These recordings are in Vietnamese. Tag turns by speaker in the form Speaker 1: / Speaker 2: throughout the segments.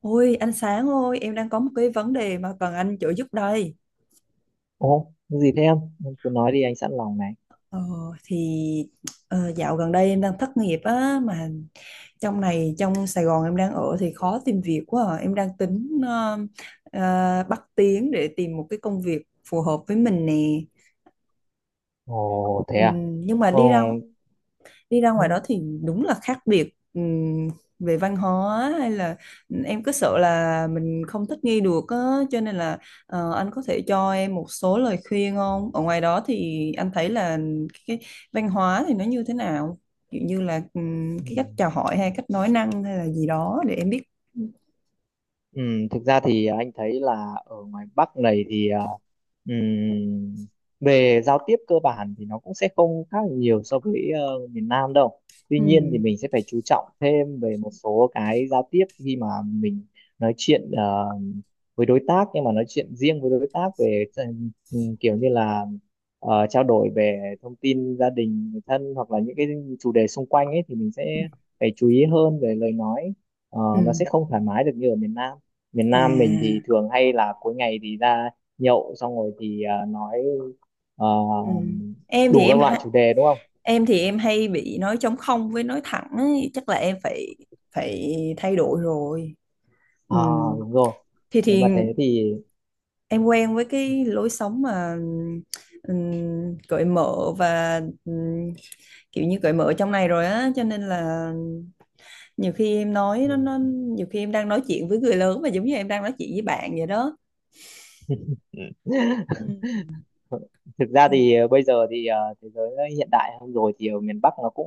Speaker 1: Ôi anh Sáng ơi, em đang có một cái vấn đề mà cần anh trợ giúp đây.
Speaker 2: Ồ, cái gì thế em? Em cứ nói đi anh sẵn lòng này.
Speaker 1: Ờ, thì Dạo gần đây em đang thất nghiệp á, mà trong này, trong Sài Gòn em đang ở thì khó tìm việc quá à. Em đang tính bắt tiếng để tìm một cái công việc phù hợp với mình nè.
Speaker 2: Ồ, thế à?
Speaker 1: Nhưng mà đi
Speaker 2: Ồ,
Speaker 1: ra đi ra ngoài
Speaker 2: ừ,
Speaker 1: đó thì đúng là khác biệt, về văn hóa hay là em cứ sợ là mình không thích nghi được á, cho nên là anh có thể cho em một số lời khuyên không? Ở ngoài đó thì anh thấy là cái văn hóa thì nó như thế nào? Kiểu như là cái
Speaker 2: ừ.
Speaker 1: cách chào hỏi hay cách nói năng hay là gì đó để em biết.
Speaker 2: Ừ, thực ra thì anh thấy là ở ngoài Bắc này thì ừm, về giao tiếp cơ bản thì nó cũng sẽ không khác nhiều so với miền Nam đâu. Tuy nhiên thì
Speaker 1: Ừm,
Speaker 2: mình sẽ phải chú trọng thêm về một số cái giao tiếp khi mà mình nói chuyện với đối tác, nhưng mà nói chuyện riêng với đối tác về kiểu như là trao đổi về thông tin gia đình, người thân hoặc là những cái chủ đề xung quanh ấy, thì mình
Speaker 1: ừm,
Speaker 2: sẽ phải chú ý hơn về lời nói. Ờ, nó sẽ
Speaker 1: ừm.
Speaker 2: không thoải mái được như ở miền Nam. Miền Nam mình thì
Speaker 1: À.
Speaker 2: thường hay là cuối ngày thì ra nhậu xong rồi thì nói à,
Speaker 1: Ừm. Em thì
Speaker 2: đủ
Speaker 1: em
Speaker 2: các loại
Speaker 1: ha-
Speaker 2: chủ đề, đúng không?
Speaker 1: em thì em hay bị nói trống không với nói thẳng ấy. Chắc là em phải phải thay đổi rồi.
Speaker 2: À,
Speaker 1: Ừ.
Speaker 2: đúng rồi.
Speaker 1: Thì
Speaker 2: Nếu
Speaker 1: thì
Speaker 2: mà thế thì
Speaker 1: em quen với cái lối sống mà cởi mở và kiểu như cởi mở trong này rồi á, cho nên là nhiều khi em nói nó nó nhiều khi em đang nói chuyện với người lớn mà giống như em đang nói chuyện với bạn vậy đó.
Speaker 2: ừ,
Speaker 1: Ừ.
Speaker 2: thực ra
Speaker 1: Ừ.
Speaker 2: thì bây giờ thì thế giới nó hiện đại hơn rồi, thì ở miền Bắc nó cũng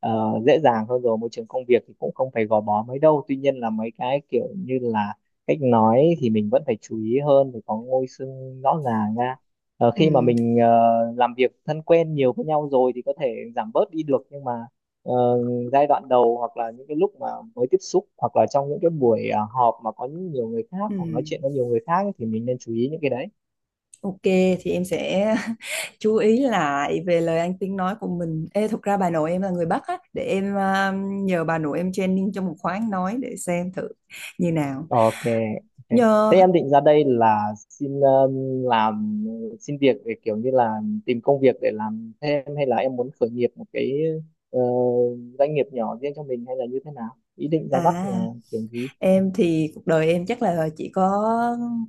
Speaker 2: dễ dàng hơn rồi, môi trường công việc thì cũng không phải gò bó mấy đâu. Tuy nhiên là mấy cái kiểu như là cách nói thì mình vẫn phải chú ý hơn, phải có ngôi xưng rõ ràng ra. Khi mà
Speaker 1: Ừm.
Speaker 2: mình làm việc thân quen nhiều với nhau rồi thì có thể giảm bớt đi được, nhưng mà ờ, giai đoạn đầu hoặc là những cái lúc mà mới tiếp xúc hoặc là trong những cái buổi họp mà có nhiều người khác hoặc nói chuyện với nhiều người khác ấy, thì mình nên chú ý những cái đấy.
Speaker 1: Ok, thì em sẽ chú ý lại về lời ăn tiếng nói của mình. Ê, thực ra bà nội em là người Bắc á, để em nhờ bà nội em training cho một khóa ăn nói để xem thử như nào.
Speaker 2: Ok, ok.
Speaker 1: Nhờ
Speaker 2: Thế em định ra đây là xin um, làm xin việc để kiểu như là tìm công việc để làm thêm, hay là em muốn khởi nghiệp một cái ờ, doanh nghiệp nhỏ riêng cho mình, hay là như thế nào? Ý định ra Bắc là
Speaker 1: À,
Speaker 2: kiểu gì?
Speaker 1: em thì cuộc đời em chắc là chỉ có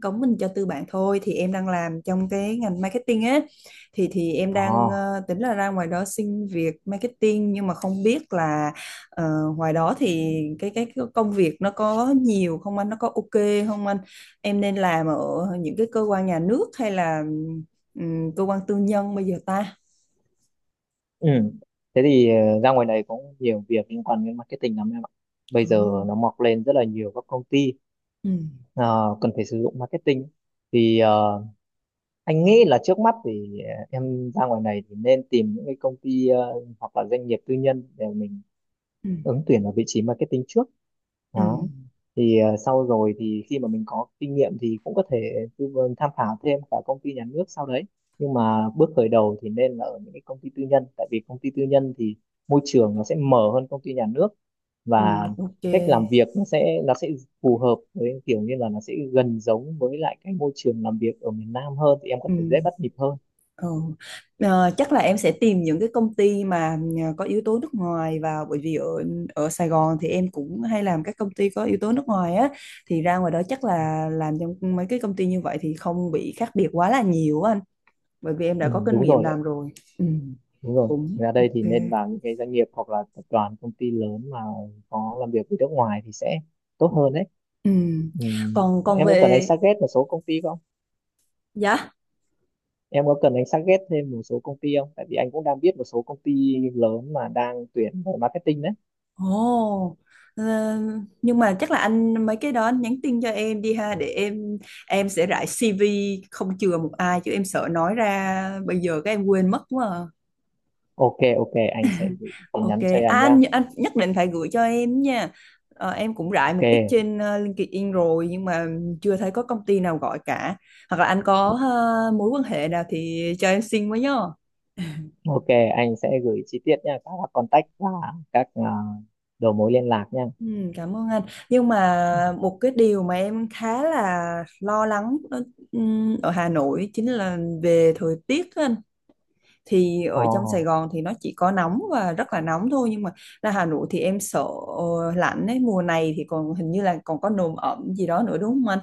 Speaker 1: cống mình cho tư bản thôi. Thì em đang làm trong cái ngành marketing á, thì em đang
Speaker 2: Ồ,
Speaker 1: tính là ra ngoài đó xin việc marketing, nhưng mà không biết là ờ, ngoài đó thì cái công việc nó có nhiều không anh, nó có ok không anh, em nên làm ở những cái cơ quan nhà nước hay là cơ quan tư nhân bây giờ ta?
Speaker 2: ừ. Thế thì ra ngoài này cũng nhiều việc liên quan đến marketing lắm em ạ. Bây
Speaker 1: Ờ.
Speaker 2: giờ nó mọc lên rất là nhiều các công ty
Speaker 1: Ừ.
Speaker 2: ờ, cần phải sử dụng marketing. Thì anh nghĩ là trước mắt thì em ra ngoài này thì nên tìm những cái công ty hoặc là doanh nghiệp tư nhân để mình
Speaker 1: Ừ.
Speaker 2: ứng tuyển vào vị trí marketing trước
Speaker 1: Ừ.
Speaker 2: đó. Thì sau rồi thì khi mà mình có kinh nghiệm thì cũng có thể tư vấn tham khảo thêm cả công ty nhà nước sau đấy, nhưng mà bước khởi đầu thì nên là ở những cái công ty tư nhân, tại vì công ty tư nhân thì môi trường nó sẽ mở hơn công ty nhà nước,
Speaker 1: Ừ.
Speaker 2: và
Speaker 1: Ok.
Speaker 2: cách làm việc nó sẽ phù hợp, với kiểu như là nó sẽ gần giống với lại cái môi trường làm việc ở miền Nam hơn, thì em có
Speaker 1: Ừ.
Speaker 2: thể dễ bắt nhịp hơn.
Speaker 1: Ừ. Chắc là em sẽ tìm những cái công ty mà có yếu tố nước ngoài vào, bởi vì ở ở Sài Gòn thì em cũng hay làm các công ty có yếu tố nước ngoài á, thì ra ngoài đó chắc là làm trong mấy cái công ty như vậy thì không bị khác biệt quá là nhiều á anh, bởi vì em
Speaker 2: Ừ,
Speaker 1: đã có kinh
Speaker 2: đúng
Speaker 1: nghiệm
Speaker 2: rồi
Speaker 1: làm
Speaker 2: đấy,
Speaker 1: rồi. Ừ,
Speaker 2: đúng rồi,
Speaker 1: cũng
Speaker 2: ra đây thì
Speaker 1: ok.
Speaker 2: nên vào những cái doanh nghiệp hoặc là tập đoàn công ty lớn mà có làm việc với nước ngoài thì sẽ tốt hơn đấy.
Speaker 1: Ừ.
Speaker 2: Ừ.
Speaker 1: còn còn
Speaker 2: Em có cần anh
Speaker 1: về,
Speaker 2: suggest một số công ty không?
Speaker 1: dạ.
Speaker 2: Em có cần anh suggest thêm một số công ty không? Tại vì anh cũng đang biết một số công ty lớn mà đang tuyển về marketing đấy.
Speaker 1: Ồ, ờ, nhưng mà chắc là anh mấy cái đó anh nhắn tin cho em đi ha, để em sẽ rải CV không chừa một ai, chứ em sợ nói ra bây giờ các em quên mất quá à.
Speaker 2: Ok, ok, anh sẽ gửi tin
Speaker 1: Ok,
Speaker 2: nhắn cho em nha.
Speaker 1: anh nhất định phải gửi cho em nha. Em cũng rải
Speaker 2: Ok,
Speaker 1: một ít trên LinkedIn rồi, nhưng mà chưa thấy có công ty nào gọi cả. Hoặc là anh có mối quan hệ nào thì cho em xin với nhá.
Speaker 2: ok, anh sẽ gửi chi tiết nha, các contact và các đầu mối liên lạc nha.
Speaker 1: Ừ, cảm ơn anh, nhưng mà một cái điều mà em khá là lo lắng đó, ở Hà Nội, chính là về thời tiết á anh. Thì
Speaker 2: Ồ,
Speaker 1: ở trong Sài Gòn thì nó chỉ có nóng và rất là nóng thôi, nhưng mà ra Hà Nội thì em sợ lạnh ấy. Mùa này thì còn hình như là còn có nồm ẩm gì đó nữa, đúng không anh?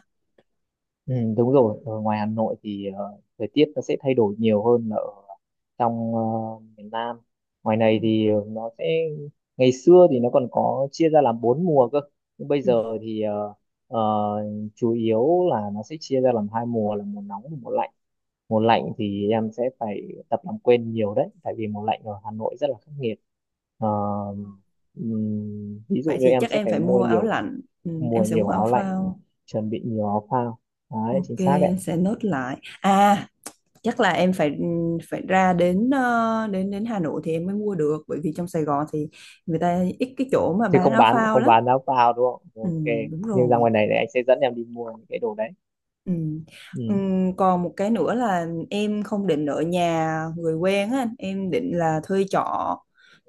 Speaker 2: ừ, đúng rồi, ở ngoài Hà Nội thì thời tiết nó sẽ thay đổi nhiều hơn là ở trong miền Nam. Ngoài
Speaker 1: Ừ.
Speaker 2: này thì ờ, nó sẽ ngày xưa thì nó còn có chia ra làm bốn mùa cơ, nhưng bây
Speaker 1: Ừ.
Speaker 2: giờ thì ờ, chủ yếu là nó sẽ chia ra làm hai mùa là mùa nóng và mùa lạnh. Mùa lạnh thì em sẽ phải tập làm quen nhiều đấy, tại vì mùa lạnh ở Hà Nội rất là khắc nghiệt. Ờ, Ví dụ
Speaker 1: Vậy
Speaker 2: như
Speaker 1: thì
Speaker 2: em
Speaker 1: chắc
Speaker 2: sẽ
Speaker 1: em
Speaker 2: phải
Speaker 1: phải mua áo lạnh, ừ,
Speaker 2: mua
Speaker 1: em sẽ mua
Speaker 2: nhiều
Speaker 1: áo
Speaker 2: áo lạnh,
Speaker 1: phao.
Speaker 2: chuẩn bị nhiều áo phao. Đấy,
Speaker 1: Ok,
Speaker 2: chính xác
Speaker 1: em
Speaker 2: đấy.
Speaker 1: sẽ nốt lại. À, chắc là em phải, ừ, phải ra đến ờ, đến đến Hà Nội thì em mới mua được, bởi vì trong Sài Gòn thì người ta ít cái chỗ mà
Speaker 2: Chứ
Speaker 1: bán
Speaker 2: không
Speaker 1: áo
Speaker 2: bán,
Speaker 1: phao
Speaker 2: không
Speaker 1: lắm.
Speaker 2: bán áo phao đúng không,
Speaker 1: Ừ,
Speaker 2: ok,
Speaker 1: đúng
Speaker 2: nhưng ra
Speaker 1: rồi.
Speaker 2: ngoài này thì anh sẽ dẫn em đi mua những cái đồ đấy.
Speaker 1: Ừ. Ừ,
Speaker 2: Ừ.
Speaker 1: còn một cái nữa là em không định ở nhà người quen á anh. Em định là thuê trọ,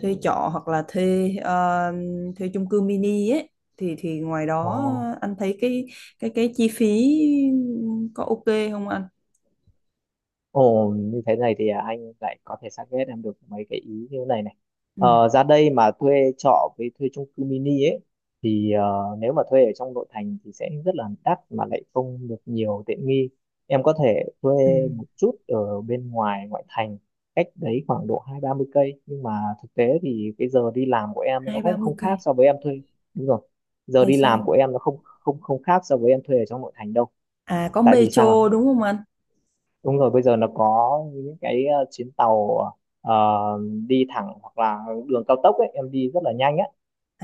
Speaker 1: hoặc là thuê chung cư mini ấy. Thì ngoài
Speaker 2: Ồ.
Speaker 1: đó anh thấy cái chi phí có ok không anh?
Speaker 2: Ồ, như thế này thì anh lại có thể target em được mấy cái ý như thế này này.
Speaker 1: Ừ.
Speaker 2: Ờ, ra đây mà thuê trọ với thuê chung cư mini ấy thì nếu mà thuê ở trong nội thành thì sẽ rất là đắt mà lại không được nhiều tiện nghi. Em có thể thuê
Speaker 1: Ừ.
Speaker 2: một chút ở bên ngoài ngoại thành, cách đấy khoảng độ hai ba mươi cây, nhưng mà thực tế thì cái giờ đi làm của em nó
Speaker 1: hai ba
Speaker 2: cũng
Speaker 1: mươi
Speaker 2: không khác
Speaker 1: cây?
Speaker 2: so với em thuê. Đúng rồi. Giờ
Speaker 1: Tại
Speaker 2: đi làm
Speaker 1: sao?
Speaker 2: của em nó không không không khác so với em thuê ở trong nội thành đâu.
Speaker 1: À, có
Speaker 2: Tại vì sao?
Speaker 1: Metro đúng không anh?
Speaker 2: Đúng rồi, bây giờ nó có những cái chuyến tàu ờ, đi thẳng hoặc là đường cao tốc ấy, em đi rất là nhanh á.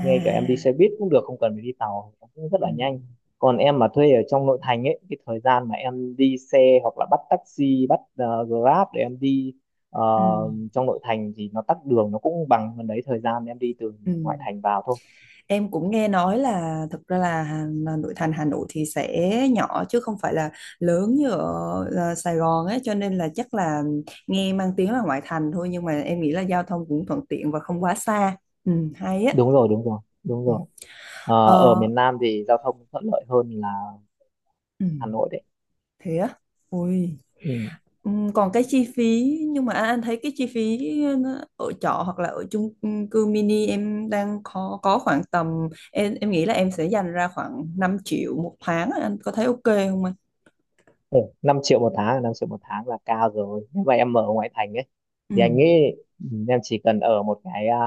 Speaker 2: Ngay cả em đi xe buýt cũng được, không cần phải đi tàu, nó cũng rất
Speaker 1: ừ,
Speaker 2: là nhanh. Còn em mà thuê ở trong nội thành ấy, cái thời gian mà em đi xe hoặc là bắt taxi, bắt Grab để em đi ờ,
Speaker 1: ừ,
Speaker 2: trong nội thành thì nó tắc đường, nó cũng bằng gần đấy thời gian em đi từ
Speaker 1: ừ.
Speaker 2: ngoại thành vào thôi.
Speaker 1: Em cũng nghe nói là, thực ra là, là nội thành Hà Nội thì sẽ nhỏ chứ không phải là lớn như ở Sài Gòn ấy, cho nên là chắc là nghe mang tiếng là ngoại thành thôi, nhưng mà em nghĩ là giao thông cũng thuận tiện và không quá xa. Ừ, hay á.
Speaker 2: Đúng rồi, đúng rồi, đúng
Speaker 1: Ừ.
Speaker 2: rồi. Ờ, ở
Speaker 1: Ờ,
Speaker 2: miền Nam thì giao thông thuận lợi hơn là
Speaker 1: ừ,
Speaker 2: Hà Nội đấy.
Speaker 1: thế á. Ui.
Speaker 2: Ừ.
Speaker 1: Còn cái chi phí, nhưng mà anh thấy cái chi phí nó, ở trọ hoặc là ở chung cư mini em đang có khoảng tầm, em nghĩ là em sẽ dành ra khoảng 5 triệu một tháng á, anh có thấy ok không anh?
Speaker 2: Ừ, 5 triệu một tháng, 5 triệu một tháng là cao rồi. Nếu mà em ở ngoại thành ấy, thì anh nghĩ
Speaker 1: Ừm,
Speaker 2: ừ, em chỉ cần ở một cái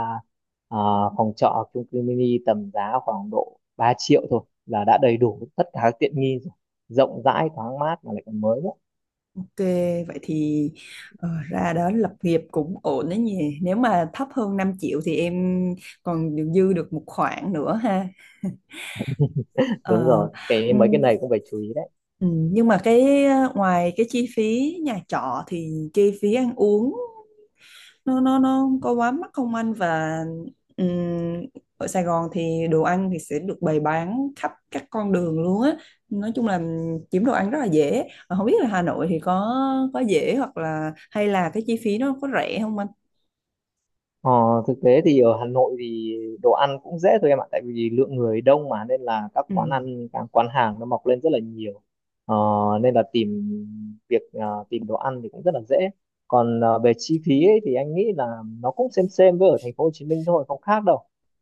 Speaker 2: à, phòng trọ chung cư mini tầm giá khoảng độ 3 triệu thôi là đã đầy đủ tất cả các tiện nghi rồi. Rộng rãi, thoáng mát mà lại còn mới nữa.
Speaker 1: ok, vậy thì ra đó lập nghiệp cũng ổn đấy nhỉ. Nếu mà thấp hơn 5 triệu thì em còn được dư được một khoản nữa ha.
Speaker 2: Đúng
Speaker 1: Ờ,
Speaker 2: rồi, cái mấy cái
Speaker 1: ừm,
Speaker 2: này cũng phải chú ý đấy.
Speaker 1: Ừ, nhưng mà ngoài cái chi phí nhà trọ thì chi phí ăn uống nó không có quá mắc không anh? Và ừm, ở Sài Gòn thì đồ ăn thì sẽ được bày bán khắp các con đường luôn á, nói chung là kiếm đồ ăn rất là dễ. Mà không biết là Hà Nội thì có dễ hoặc là, hay là cái chi phí nó có rẻ không anh?
Speaker 2: Ờ, thực tế thì ở Hà Nội thì đồ ăn cũng dễ thôi em ạ, tại vì lượng người đông mà nên là các
Speaker 1: Ừ.
Speaker 2: quán ăn, các quán hàng nó mọc lên rất là nhiều, ờ, nên là tìm đồ ăn thì cũng rất là dễ. Còn về chi phí ấy, thì anh nghĩ là nó cũng xem với ở thành phố Hồ Chí Minh thôi, không khác đâu.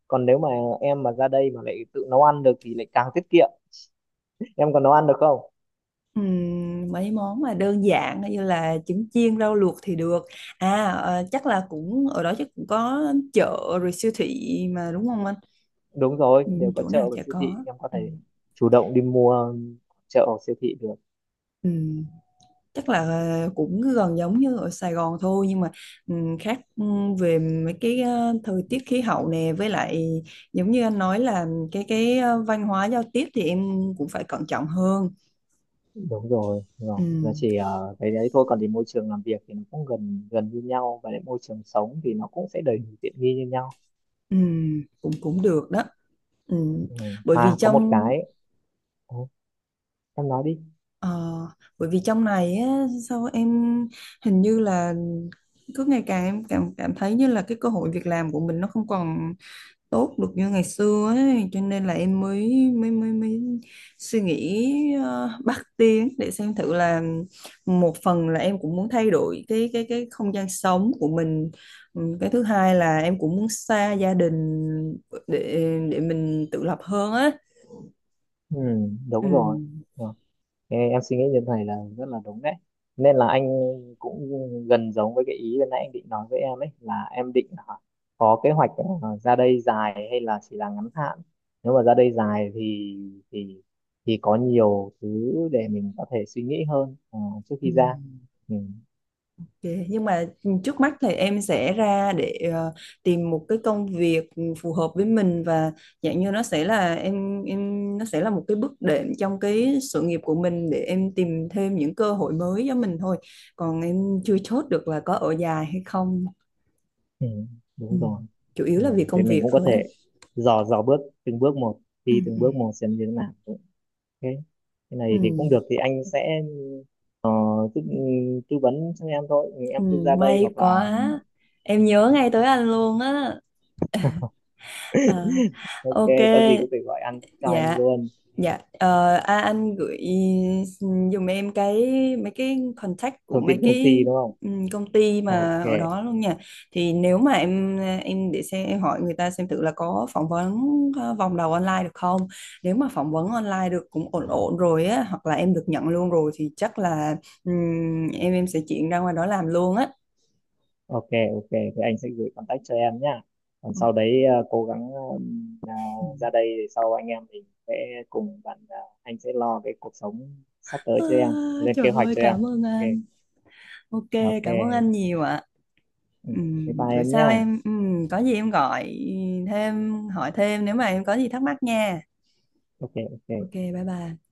Speaker 2: Còn nếu mà em mà ra đây mà lại tự nấu ăn được thì lại càng tiết kiệm. Em còn nấu ăn được không?
Speaker 1: Mấy món mà đơn giản như là trứng chiên, rau luộc thì được. Chắc là cũng ở đó chắc cũng có chợ rồi siêu thị mà, đúng không anh?
Speaker 2: Đúng rồi, đều có
Speaker 1: Chỗ nào
Speaker 2: chợ và
Speaker 1: chả
Speaker 2: siêu thị,
Speaker 1: có.
Speaker 2: em có thể
Speaker 1: Ừm.
Speaker 2: chủ động đi mua chợ hoặc siêu thị được.
Speaker 1: Ừm. Chắc là cũng gần giống như ở Sài Gòn thôi, nhưng mà khác về mấy cái thời tiết khí hậu nè, với lại giống như anh nói là cái văn hóa giao tiếp thì em cũng phải cẩn trọng hơn.
Speaker 2: Đúng rồi, đúng rồi, nó
Speaker 1: Ừm,
Speaker 2: chỉ cái đấy thôi, còn thì môi trường làm việc thì nó cũng gần gần như nhau, và lại môi trường sống thì nó cũng sẽ đầy đủ tiện nghi như nhau.
Speaker 1: cũng cũng được đó. Ừm,
Speaker 2: Ừ.
Speaker 1: bởi vì
Speaker 2: À, có một
Speaker 1: trong
Speaker 2: cái. Ồ, em nói đi.
Speaker 1: ờ, Bởi vì trong này á, sao em hình như là cứ ngày càng em cảm cảm thấy như là cái cơ hội việc làm của mình nó không còn tốt được như ngày xưa ấy, cho nên là em mới, mới suy nghĩ bắt tiếng để xem thử là, một phần là em cũng muốn thay đổi cái không gian sống của mình. Cái thứ hai là em cũng muốn xa gia đình để để mình tự lập hơn á.
Speaker 2: Ừ, đúng rồi.
Speaker 1: Ừm.
Speaker 2: Ờ. Ê, em suy nghĩ như thế này là rất là đúng đấy, nên là anh cũng gần giống với cái ý ban nãy anh định nói với em ấy là em định hả, có kế hoạch ra đây dài hay là chỉ là ngắn hạn. Nếu mà ra đây dài thì thì thì có nhiều thứ để mình có thể suy nghĩ hơn trước khi ra.
Speaker 1: Ừm.
Speaker 2: Ừ,
Speaker 1: Ok, nhưng mà trước mắt thì em sẽ ra để tìm một cái công việc phù hợp với mình, và dạng như nó sẽ là nó sẽ là một cái bước đệm trong cái sự nghiệp của mình để em tìm thêm những cơ hội mới cho mình thôi. Còn em chưa chốt được là có ở dài hay không.
Speaker 2: ừ,
Speaker 1: Ừ.
Speaker 2: đúng rồi.
Speaker 1: Chủ yếu
Speaker 2: Ừ,
Speaker 1: là vì
Speaker 2: thế
Speaker 1: công
Speaker 2: mình
Speaker 1: việc
Speaker 2: cũng có
Speaker 1: thôi
Speaker 2: thể
Speaker 1: á.
Speaker 2: dò dò bước từng bước một,
Speaker 1: Ừ,
Speaker 2: đi từng
Speaker 1: ừ,
Speaker 2: bước một xem như thế nào. Cái cái
Speaker 1: ừ,
Speaker 2: này thì cũng được, thì anh sẽ ờ, tư, tư vấn cho em thôi. Ừ,
Speaker 1: ừ,
Speaker 2: em cứ ra đây
Speaker 1: may
Speaker 2: hoặc là
Speaker 1: quá. Em nhớ ngay tới anh luôn á. À,
Speaker 2: ok,
Speaker 1: ok,
Speaker 2: có gì có thể gọi anh cho anh
Speaker 1: dạ.
Speaker 2: luôn,
Speaker 1: Dạ, à, anh gửi dùm em cái, mấy cái contact của
Speaker 2: thông
Speaker 1: mấy
Speaker 2: tin công ty
Speaker 1: cái
Speaker 2: đúng không,
Speaker 1: công ty
Speaker 2: ok,
Speaker 1: mà ở đó luôn nha. Thì nếu mà em để xem em hỏi người ta xem thử là có phỏng vấn vòng đầu online được không. Nếu mà phỏng vấn online được cũng ổn ổn rồi á, hoặc là em được nhận luôn rồi thì chắc là em sẽ chuyển ra ngoài đó làm luôn á.
Speaker 2: ok, ok thì anh sẽ gửi contact cho em nhá. Còn sau đấy cố gắng ờ,
Speaker 1: Ừ.
Speaker 2: ra đây để sau anh em mình sẽ cùng bạn, anh sẽ lo cái cuộc sống sắp tới
Speaker 1: À,
Speaker 2: cho em, lên
Speaker 1: trời
Speaker 2: kế hoạch
Speaker 1: ơi,
Speaker 2: cho em.
Speaker 1: cảm ơn
Speaker 2: Ok,
Speaker 1: anh. Ok,
Speaker 2: ok.
Speaker 1: cảm ơn anh nhiều ạ.
Speaker 2: Ừ,
Speaker 1: Ừ,
Speaker 2: thế bye
Speaker 1: bữa
Speaker 2: em
Speaker 1: sau
Speaker 2: nhá.
Speaker 1: em, có gì em gọi thêm, hỏi thêm nếu mà em có gì thắc mắc nha.
Speaker 2: Ok,
Speaker 1: Ok,
Speaker 2: ok
Speaker 1: bye bye.